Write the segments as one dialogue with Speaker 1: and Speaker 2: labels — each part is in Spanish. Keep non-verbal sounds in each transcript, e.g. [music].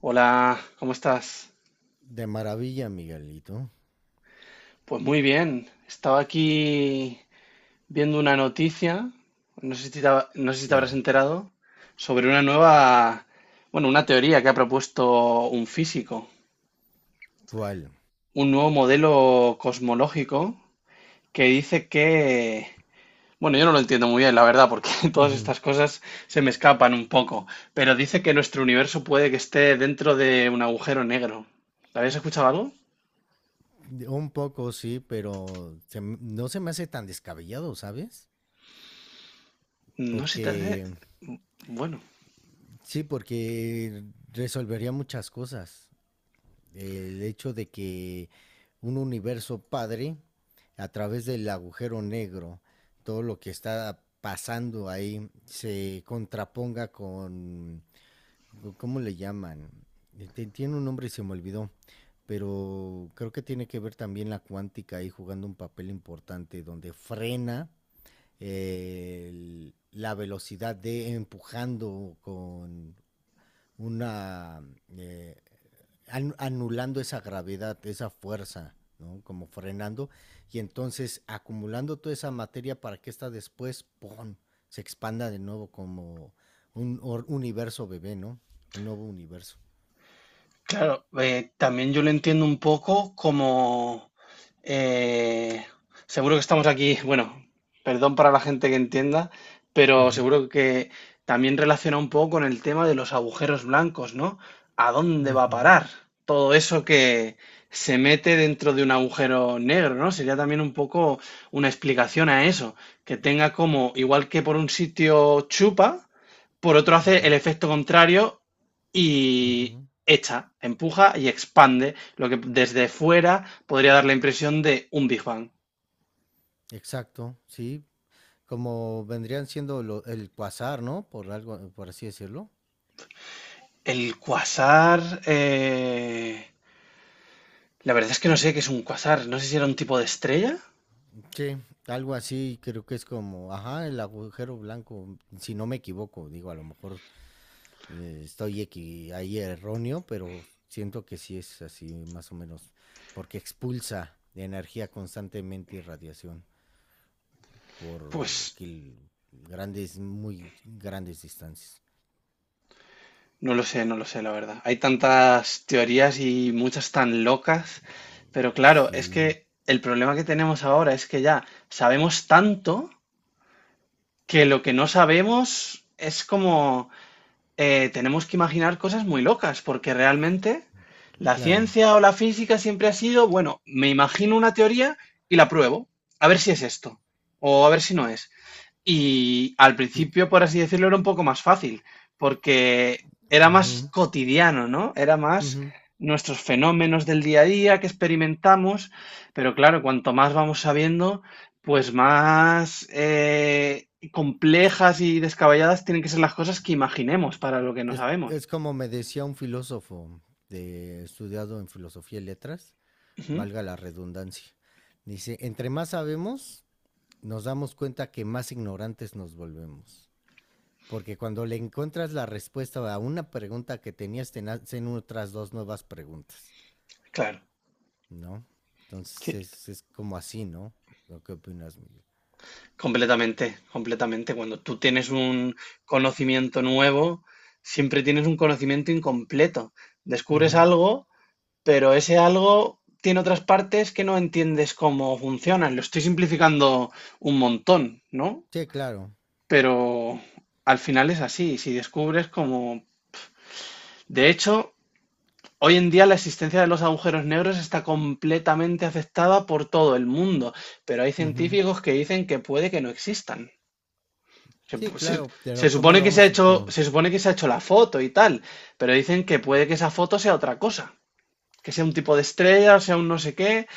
Speaker 1: Hola, ¿cómo estás?
Speaker 2: De maravilla, Miguelito.
Speaker 1: Pues muy bien. Estaba aquí viendo una noticia, no sé si te, no sé si te habrás
Speaker 2: Claro.
Speaker 1: enterado, sobre una nueva, bueno, una teoría que ha propuesto un físico,
Speaker 2: ¿Cuál?
Speaker 1: un nuevo modelo cosmológico que dice que, bueno, yo no lo entiendo muy bien, la verdad, porque [laughs] todas
Speaker 2: Ujú.
Speaker 1: estas cosas se me escapan un poco, pero dice que nuestro universo puede que esté dentro de un agujero negro. ¿Habías escuchado algo?
Speaker 2: Un poco sí, pero no se me hace tan descabellado, ¿sabes?
Speaker 1: No sé si te hace...
Speaker 2: Porque
Speaker 1: Bueno.
Speaker 2: sí, porque resolvería muchas cosas. El hecho de que un universo padre, a través del agujero negro, todo lo que está pasando ahí se contraponga con... ¿Cómo le llaman? Tiene un nombre y se me olvidó, pero creo que tiene que ver también la cuántica ahí jugando un papel importante donde frena la velocidad de empujando con una eh, anulando esa gravedad, esa fuerza, ¿no? Como frenando y entonces acumulando toda esa materia para que esta después, ¡pum!, se expanda de nuevo como universo bebé, ¿no? Un nuevo universo.
Speaker 1: Claro, también yo lo entiendo un poco como... eh, seguro que estamos aquí, bueno, perdón para la gente que entienda,
Speaker 2: Uh
Speaker 1: pero
Speaker 2: -huh,
Speaker 1: seguro que también relaciona un poco con el tema de los agujeros blancos, ¿no? ¿A dónde
Speaker 2: uh
Speaker 1: va a
Speaker 2: -huh,
Speaker 1: parar todo eso que se mete dentro de un agujero negro, ¿no? Sería también un poco una explicación a eso, que tenga como, igual que por un sitio chupa, por otro hace el efecto contrario.
Speaker 2: uh
Speaker 1: Y
Speaker 2: -huh,
Speaker 1: ésta empuja y expande lo que desde fuera podría dar la impresión de un Big Bang.
Speaker 2: Exacto, sí. Como vendrían siendo lo, el cuasar, ¿no? Por algo, por así decirlo.
Speaker 1: El cuasar... la verdad es que no sé qué es un cuasar. No sé si era un tipo de estrella.
Speaker 2: Sí, algo así, creo que es como, ajá, el agujero blanco, si no me equivoco, digo, a lo mejor ahí erróneo, pero siento que sí es así, más o menos, porque expulsa energía constantemente y radiación
Speaker 1: Pues
Speaker 2: por kil- grandes, muy grandes distancias.
Speaker 1: no lo sé, no lo sé, la verdad. Hay tantas teorías y muchas tan locas. Pero claro, es
Speaker 2: Sí,
Speaker 1: que el problema que tenemos ahora es que ya sabemos tanto que lo que no sabemos es como... tenemos que imaginar cosas muy locas, porque realmente la
Speaker 2: claro.
Speaker 1: ciencia o la física siempre ha sido, bueno, me imagino una teoría y la pruebo, a ver si es esto, o a ver si no es. Y al
Speaker 2: Y-
Speaker 1: principio, por así decirlo, era un poco más fácil, porque era más
Speaker 2: ujú,
Speaker 1: cotidiano, ¿no? Era más
Speaker 2: ujú.
Speaker 1: nuestros fenómenos del día a día que experimentamos, pero claro, cuanto más vamos sabiendo, pues más complejas y descabelladas tienen que ser las cosas que imaginemos para lo que no sabemos.
Speaker 2: Es como me decía un filósofo de, estudiado en filosofía y letras,
Speaker 1: Ujú,
Speaker 2: valga la redundancia. Dice, entre más sabemos, nos damos cuenta que más ignorantes nos volvemos. Porque cuando le encuentras la respuesta a una pregunta que tenías, te nacen otras dos nuevas preguntas,
Speaker 1: claro,
Speaker 2: ¿no? Entonces
Speaker 1: sí,
Speaker 2: es como así, ¿no? ¿Lo que opinas, Miguel?
Speaker 1: completamente, completamente. Cuando tú tienes un conocimiento nuevo, siempre tienes un conocimiento incompleto.
Speaker 2: Uh
Speaker 1: Descubres
Speaker 2: -huh.
Speaker 1: algo, pero ese algo tiene otras partes que no entiendes cómo funcionan. Lo estoy simplificando un montón, ¿no?
Speaker 2: Sí, claro.
Speaker 1: Pero al final es así, si descubres cómo. De hecho, hoy en día la existencia de los agujeros negros está completamente aceptada por todo el mundo, pero hay
Speaker 2: Uh -huh.
Speaker 1: científicos que dicen que puede que no existan. Se,
Speaker 2: Sí,
Speaker 1: se-
Speaker 2: claro,
Speaker 1: Se
Speaker 2: pero ¿cómo
Speaker 1: supone
Speaker 2: lo
Speaker 1: que se ha
Speaker 2: vamos a,
Speaker 1: hecho,
Speaker 2: como,
Speaker 1: se supone que se ha hecho la foto y tal, pero dicen que puede que esa foto sea otra cosa, que sea un tipo de estrella, o sea un no sé qué,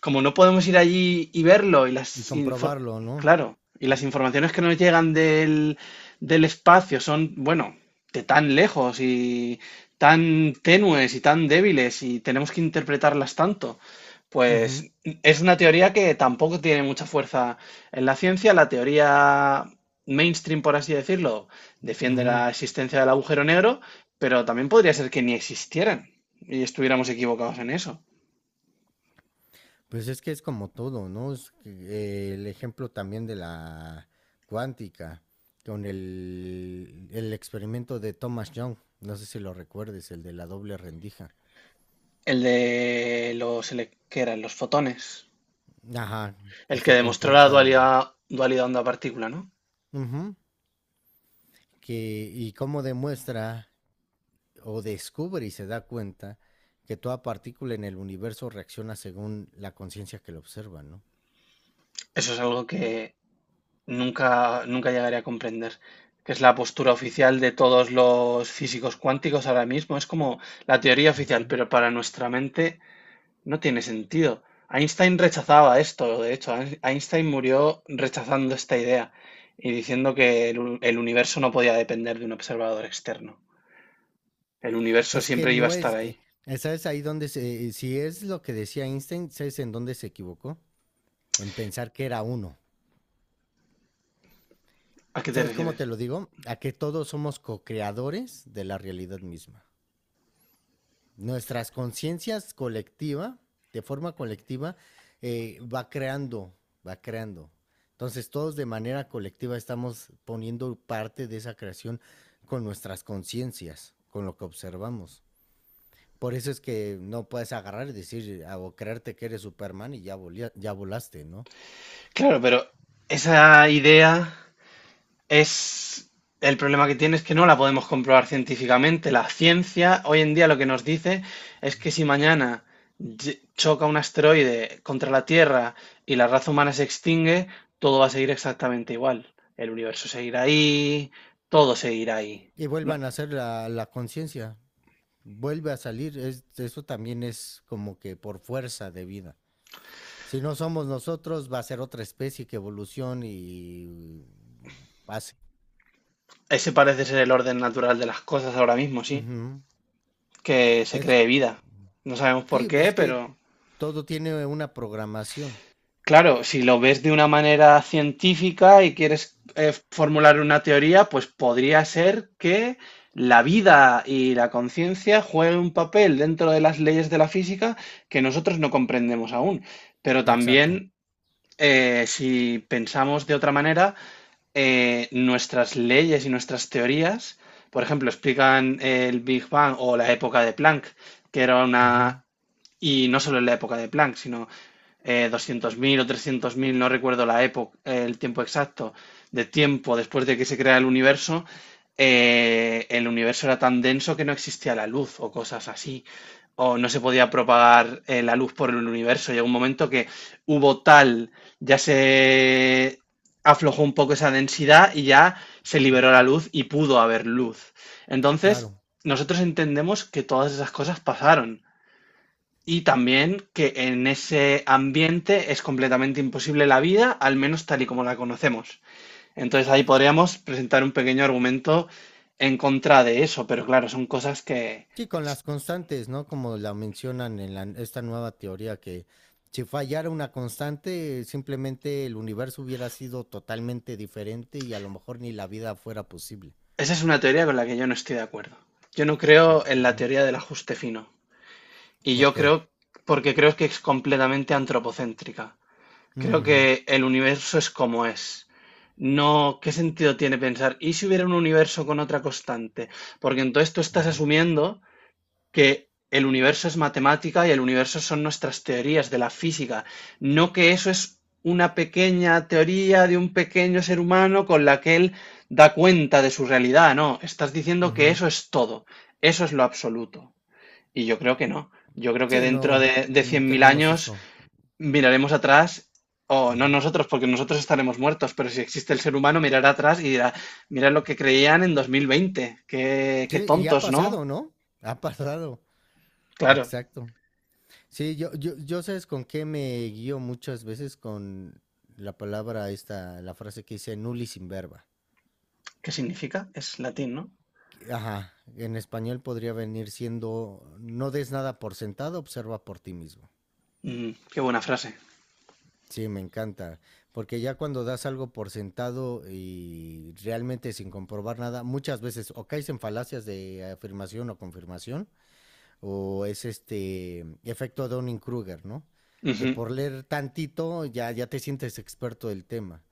Speaker 1: como no podemos ir allí y verlo, y
Speaker 2: y
Speaker 1: las
Speaker 2: comprobarlo, no?
Speaker 1: claro, y las informaciones que nos llegan del, del espacio son, bueno, de tan lejos y tan tenues y tan débiles, y tenemos que interpretarlas tanto.
Speaker 2: Uh
Speaker 1: Pues es una teoría que tampoco tiene mucha fuerza en la ciencia. La teoría mainstream, por así decirlo, defiende
Speaker 2: -huh.
Speaker 1: la existencia del agujero negro, pero también podría ser que ni existieran y estuviéramos equivocados en eso.
Speaker 2: Pues es que es como todo, ¿no? Es que, el ejemplo también de la cuántica, con el experimento de Thomas Young, no sé si lo recuerdes, el de la doble rendija.
Speaker 1: El de los, que eran los fotones.
Speaker 2: Ajá, que
Speaker 1: El que
Speaker 2: se
Speaker 1: demostró la
Speaker 2: comportan.
Speaker 1: dualidad, dualidad onda-partícula, ¿no?
Speaker 2: Ujú, que, y cómo demuestra o descubre y se da cuenta que toda partícula en el universo reacciona según la conciencia que lo observa, ¿no?
Speaker 1: Eso es algo que nunca, nunca llegaré a comprender, que es la postura oficial de todos los físicos cuánticos ahora mismo. Es como la teoría oficial,
Speaker 2: Ujú.
Speaker 1: pero para nuestra mente no tiene sentido. Einstein rechazaba esto, de hecho. Einstein murió rechazando esta idea y diciendo que el universo no podía depender de un observador externo. El universo
Speaker 2: Es que
Speaker 1: siempre iba
Speaker 2: no
Speaker 1: a estar
Speaker 2: es,
Speaker 1: ahí.
Speaker 2: ¿sabes ahí donde se, si es lo que decía Einstein, ¿sabes en dónde se equivocó? En pensar que era uno.
Speaker 1: ¿A qué te
Speaker 2: ¿Sabes cómo
Speaker 1: refieres?
Speaker 2: te lo digo? A que todos somos co-creadores de la realidad misma. Nuestras conciencias colectiva, de forma colectiva, va creando, va creando. Entonces todos de manera colectiva estamos poniendo parte de esa creación con nuestras conciencias, con lo que observamos. Por eso es que no puedes agarrar y decir ah, o creerte que eres Superman y ya, ya volaste, ¿no?
Speaker 1: Claro, pero esa idea es... El problema que tiene es que no la podemos comprobar científicamente. La ciencia hoy en día lo que nos dice es que si mañana choca un asteroide contra la Tierra y la raza humana se extingue, todo va a seguir exactamente igual. El universo seguirá ahí, todo seguirá ahí.
Speaker 2: Y
Speaker 1: No,
Speaker 2: vuelvan a hacer la conciencia, vuelve a salir, eso también es como que por fuerza de vida. Si no somos nosotros, va a ser otra especie que evolucione y pase.
Speaker 1: ese parece ser el orden natural de las cosas ahora mismo, sí,
Speaker 2: Ujú.
Speaker 1: que se
Speaker 2: Es-
Speaker 1: cree vida. No sabemos por
Speaker 2: sí, pues
Speaker 1: qué,
Speaker 2: es que
Speaker 1: pero
Speaker 2: todo tiene una programación.
Speaker 1: claro, si lo ves de una manera científica y quieres formular una teoría, pues podría ser que la vida y la conciencia jueguen un papel dentro de las leyes de la física que nosotros no comprendemos aún. Pero
Speaker 2: Exacto.
Speaker 1: también, si pensamos de otra manera, nuestras leyes y nuestras teorías, por ejemplo, explican el Big Bang o la época de Planck, que era
Speaker 2: Ujú.
Speaker 1: una... Y no solo en la época de Planck, sino 200.000 o 300.000, no recuerdo la época, el tiempo exacto, de tiempo después de que se crea el universo era tan denso que no existía la luz o cosas así, o no se podía propagar la luz por el universo. Llegó un momento que hubo tal, ya se aflojó un poco esa densidad y ya se liberó la luz y pudo haber luz. Entonces,
Speaker 2: Claro.
Speaker 1: nosotros entendemos que todas esas cosas pasaron y también que en ese ambiente es completamente imposible la vida, al menos tal y como la conocemos. Entonces ahí podríamos presentar un pequeño argumento en contra de eso, pero claro, son cosas que...
Speaker 2: Sí, con las constantes, ¿no? Como la mencionan en esta nueva teoría, que si fallara una constante, simplemente el universo hubiera sido totalmente diferente y a lo mejor ni la vida fuera posible.
Speaker 1: Esa es una teoría con la que yo no estoy de acuerdo. Yo no creo en la
Speaker 2: Ujú.
Speaker 1: teoría del ajuste fino. Y
Speaker 2: ¿Por
Speaker 1: yo
Speaker 2: qué?
Speaker 1: creo, porque creo que es completamente antropocéntrica. Creo
Speaker 2: Ujú,
Speaker 1: que el universo es como es. No, ¿qué sentido tiene pensar? ¿Y si hubiera un universo con otra constante? Porque entonces tú estás
Speaker 2: ujú,
Speaker 1: asumiendo que el universo es matemática y el universo son nuestras teorías de la física, no que eso es una pequeña teoría de un pequeño ser humano con la que él da cuenta de su realidad, no, estás diciendo que
Speaker 2: ujú.
Speaker 1: eso es todo, eso es lo absoluto. Y yo creo que no, yo creo que
Speaker 2: Sí,
Speaker 1: dentro
Speaker 2: no,
Speaker 1: de
Speaker 2: no
Speaker 1: 100.000
Speaker 2: tenemos
Speaker 1: años
Speaker 2: eso.
Speaker 1: miraremos atrás, o no
Speaker 2: Ujú.
Speaker 1: nosotros, porque nosotros estaremos muertos, pero si existe el ser humano mirará atrás y dirá, mira lo que creían en 2020, qué, qué
Speaker 2: Sí, y ha
Speaker 1: tontos, ¿no?
Speaker 2: pasado, ¿no? Ha pasado.
Speaker 1: Claro.
Speaker 2: Exacto. Sí, yo sabes con qué me guío muchas veces con la palabra esta, la frase que dice nulli sin verba.
Speaker 1: ¿Qué significa? Es latín, ¿no?
Speaker 2: Ajá, en español podría venir siendo, no des nada por sentado, observa por ti mismo.
Speaker 1: Mm, qué buena frase.
Speaker 2: Sí, me encanta, porque ya cuando das algo por sentado y realmente sin comprobar nada, muchas veces o caes en falacias de afirmación o confirmación, o es este efecto Dunning-Kruger, ¿no? Que
Speaker 1: Ujú.
Speaker 2: por leer tantito ya, ya te sientes experto del tema,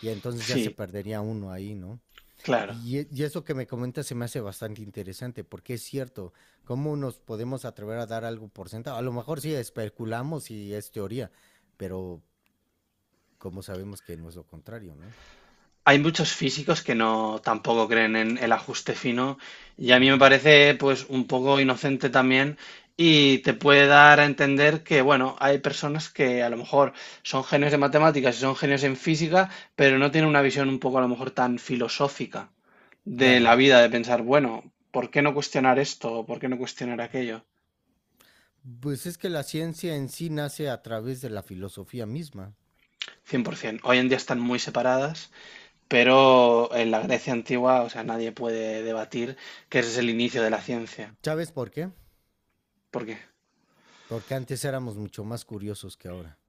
Speaker 2: y entonces ya se
Speaker 1: Sí,
Speaker 2: perdería uno ahí, ¿no?
Speaker 1: claro.
Speaker 2: Y eso que me comentas se me hace bastante interesante, porque es cierto, ¿cómo nos podemos atrever a dar algo por sentado? A lo mejor sí especulamos y es teoría, pero como sabemos que no es lo contrario, ¿no?
Speaker 1: Hay muchos físicos que no tampoco creen en el ajuste fino y a mí me
Speaker 2: Ujú.
Speaker 1: parece pues un poco inocente también, y te puede dar a entender que bueno, hay personas que a lo mejor son genios de matemáticas y son genios en física, pero no tienen una visión un poco a lo mejor tan filosófica de la
Speaker 2: Claro.
Speaker 1: vida, de pensar, bueno, ¿por qué no cuestionar esto? ¿Por qué no cuestionar aquello?
Speaker 2: Pues es que la ciencia en sí nace a través de la filosofía misma.
Speaker 1: 100%. Hoy en día están muy separadas. Pero en la Grecia antigua, o sea, nadie puede debatir que ese es el inicio de la ciencia,
Speaker 2: ¿Sabes por qué?
Speaker 1: porque
Speaker 2: Porque antes éramos mucho más curiosos que ahora.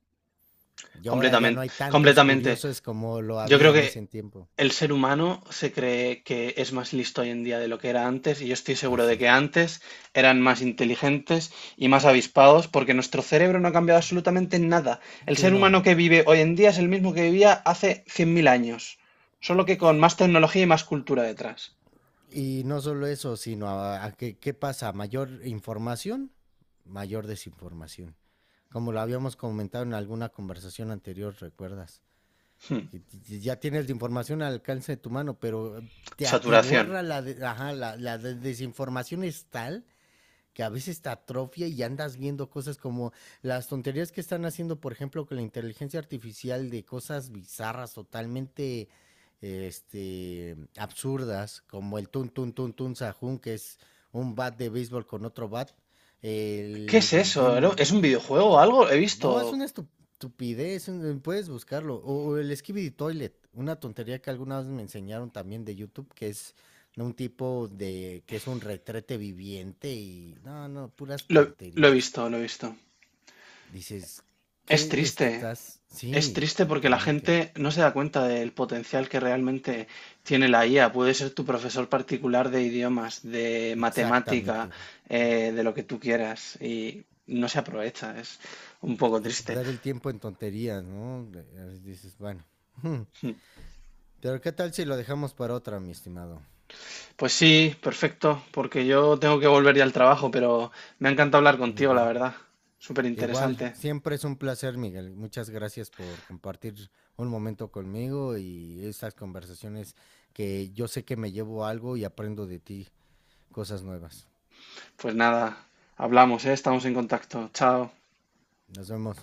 Speaker 2: Y ahora ya no
Speaker 1: completamente,
Speaker 2: hay tantos
Speaker 1: completamente.
Speaker 2: curiosos como lo
Speaker 1: Yo
Speaker 2: había
Speaker 1: creo
Speaker 2: en
Speaker 1: que
Speaker 2: ese tiempo.
Speaker 1: el ser humano se cree que es más listo hoy en día de lo que era antes, y yo estoy seguro
Speaker 2: Así
Speaker 1: de
Speaker 2: es.
Speaker 1: que antes eran más inteligentes y más avispados, porque nuestro cerebro no ha cambiado absolutamente nada. El
Speaker 2: Sí,
Speaker 1: ser humano
Speaker 2: no.
Speaker 1: que vive hoy en día es el mismo que vivía hace 100.000 años, solo que con más tecnología y más cultura detrás.
Speaker 2: Y no solo eso, sino a, qué pasa, mayor información, mayor desinformación. Como lo habíamos comentado en alguna conversación anterior, ¿recuerdas?
Speaker 1: Hmm.
Speaker 2: Que ya tienes la información al alcance de tu mano, pero te
Speaker 1: Saturación.
Speaker 2: atiborra ajá, la desinformación es tal que a veces te atrofia y andas viendo cosas como las tonterías que están haciendo, por ejemplo, con la inteligencia artificial de cosas bizarras, totalmente este, absurdas, como el tun tun tun tun sajun, que es un bat de béisbol con otro bat,
Speaker 1: ¿Qué es
Speaker 2: el
Speaker 1: eso? ¿No?
Speaker 2: Jim,
Speaker 1: ¿Es un videojuego o algo? He
Speaker 2: no, es
Speaker 1: visto.
Speaker 2: una estupidez, puedes buscarlo. O el Skibidi Toilet, una tontería que alguna vez me enseñaron también de YouTube, que es de un tipo de que es un retrete viviente y no, no, puras
Speaker 1: Lo he
Speaker 2: tonterías.
Speaker 1: visto, lo he visto.
Speaker 2: Dices,
Speaker 1: Es
Speaker 2: ¿qué le
Speaker 1: triste.
Speaker 2: estás?
Speaker 1: Es
Speaker 2: Sí,
Speaker 1: triste porque la
Speaker 2: totalmente,
Speaker 1: gente no se da cuenta del potencial que realmente tiene la IA. Puede ser tu profesor particular de idiomas, de matemática,
Speaker 2: exactamente.
Speaker 1: de lo que tú quieras. Y no se aprovecha. Es un poco
Speaker 2: Y
Speaker 1: triste.
Speaker 2: perder
Speaker 1: [laughs]
Speaker 2: el tiempo en tonterías, ¿no? Dices, bueno. [laughs]
Speaker 1: Hmm.
Speaker 2: Pero ¿qué tal si lo dejamos para otra, mi estimado?
Speaker 1: Pues sí, perfecto, porque yo tengo que volver ya al trabajo, pero me ha encantado hablar
Speaker 2: Muy
Speaker 1: contigo, la
Speaker 2: bien.
Speaker 1: verdad. Súper
Speaker 2: Igual,
Speaker 1: interesante.
Speaker 2: siempre es un placer, Miguel. Muchas gracias por compartir un momento conmigo y estas conversaciones que yo sé que me llevo algo y aprendo de ti cosas nuevas.
Speaker 1: Pues nada, hablamos, ¿eh? Estamos en contacto. Chao.
Speaker 2: Nos vemos.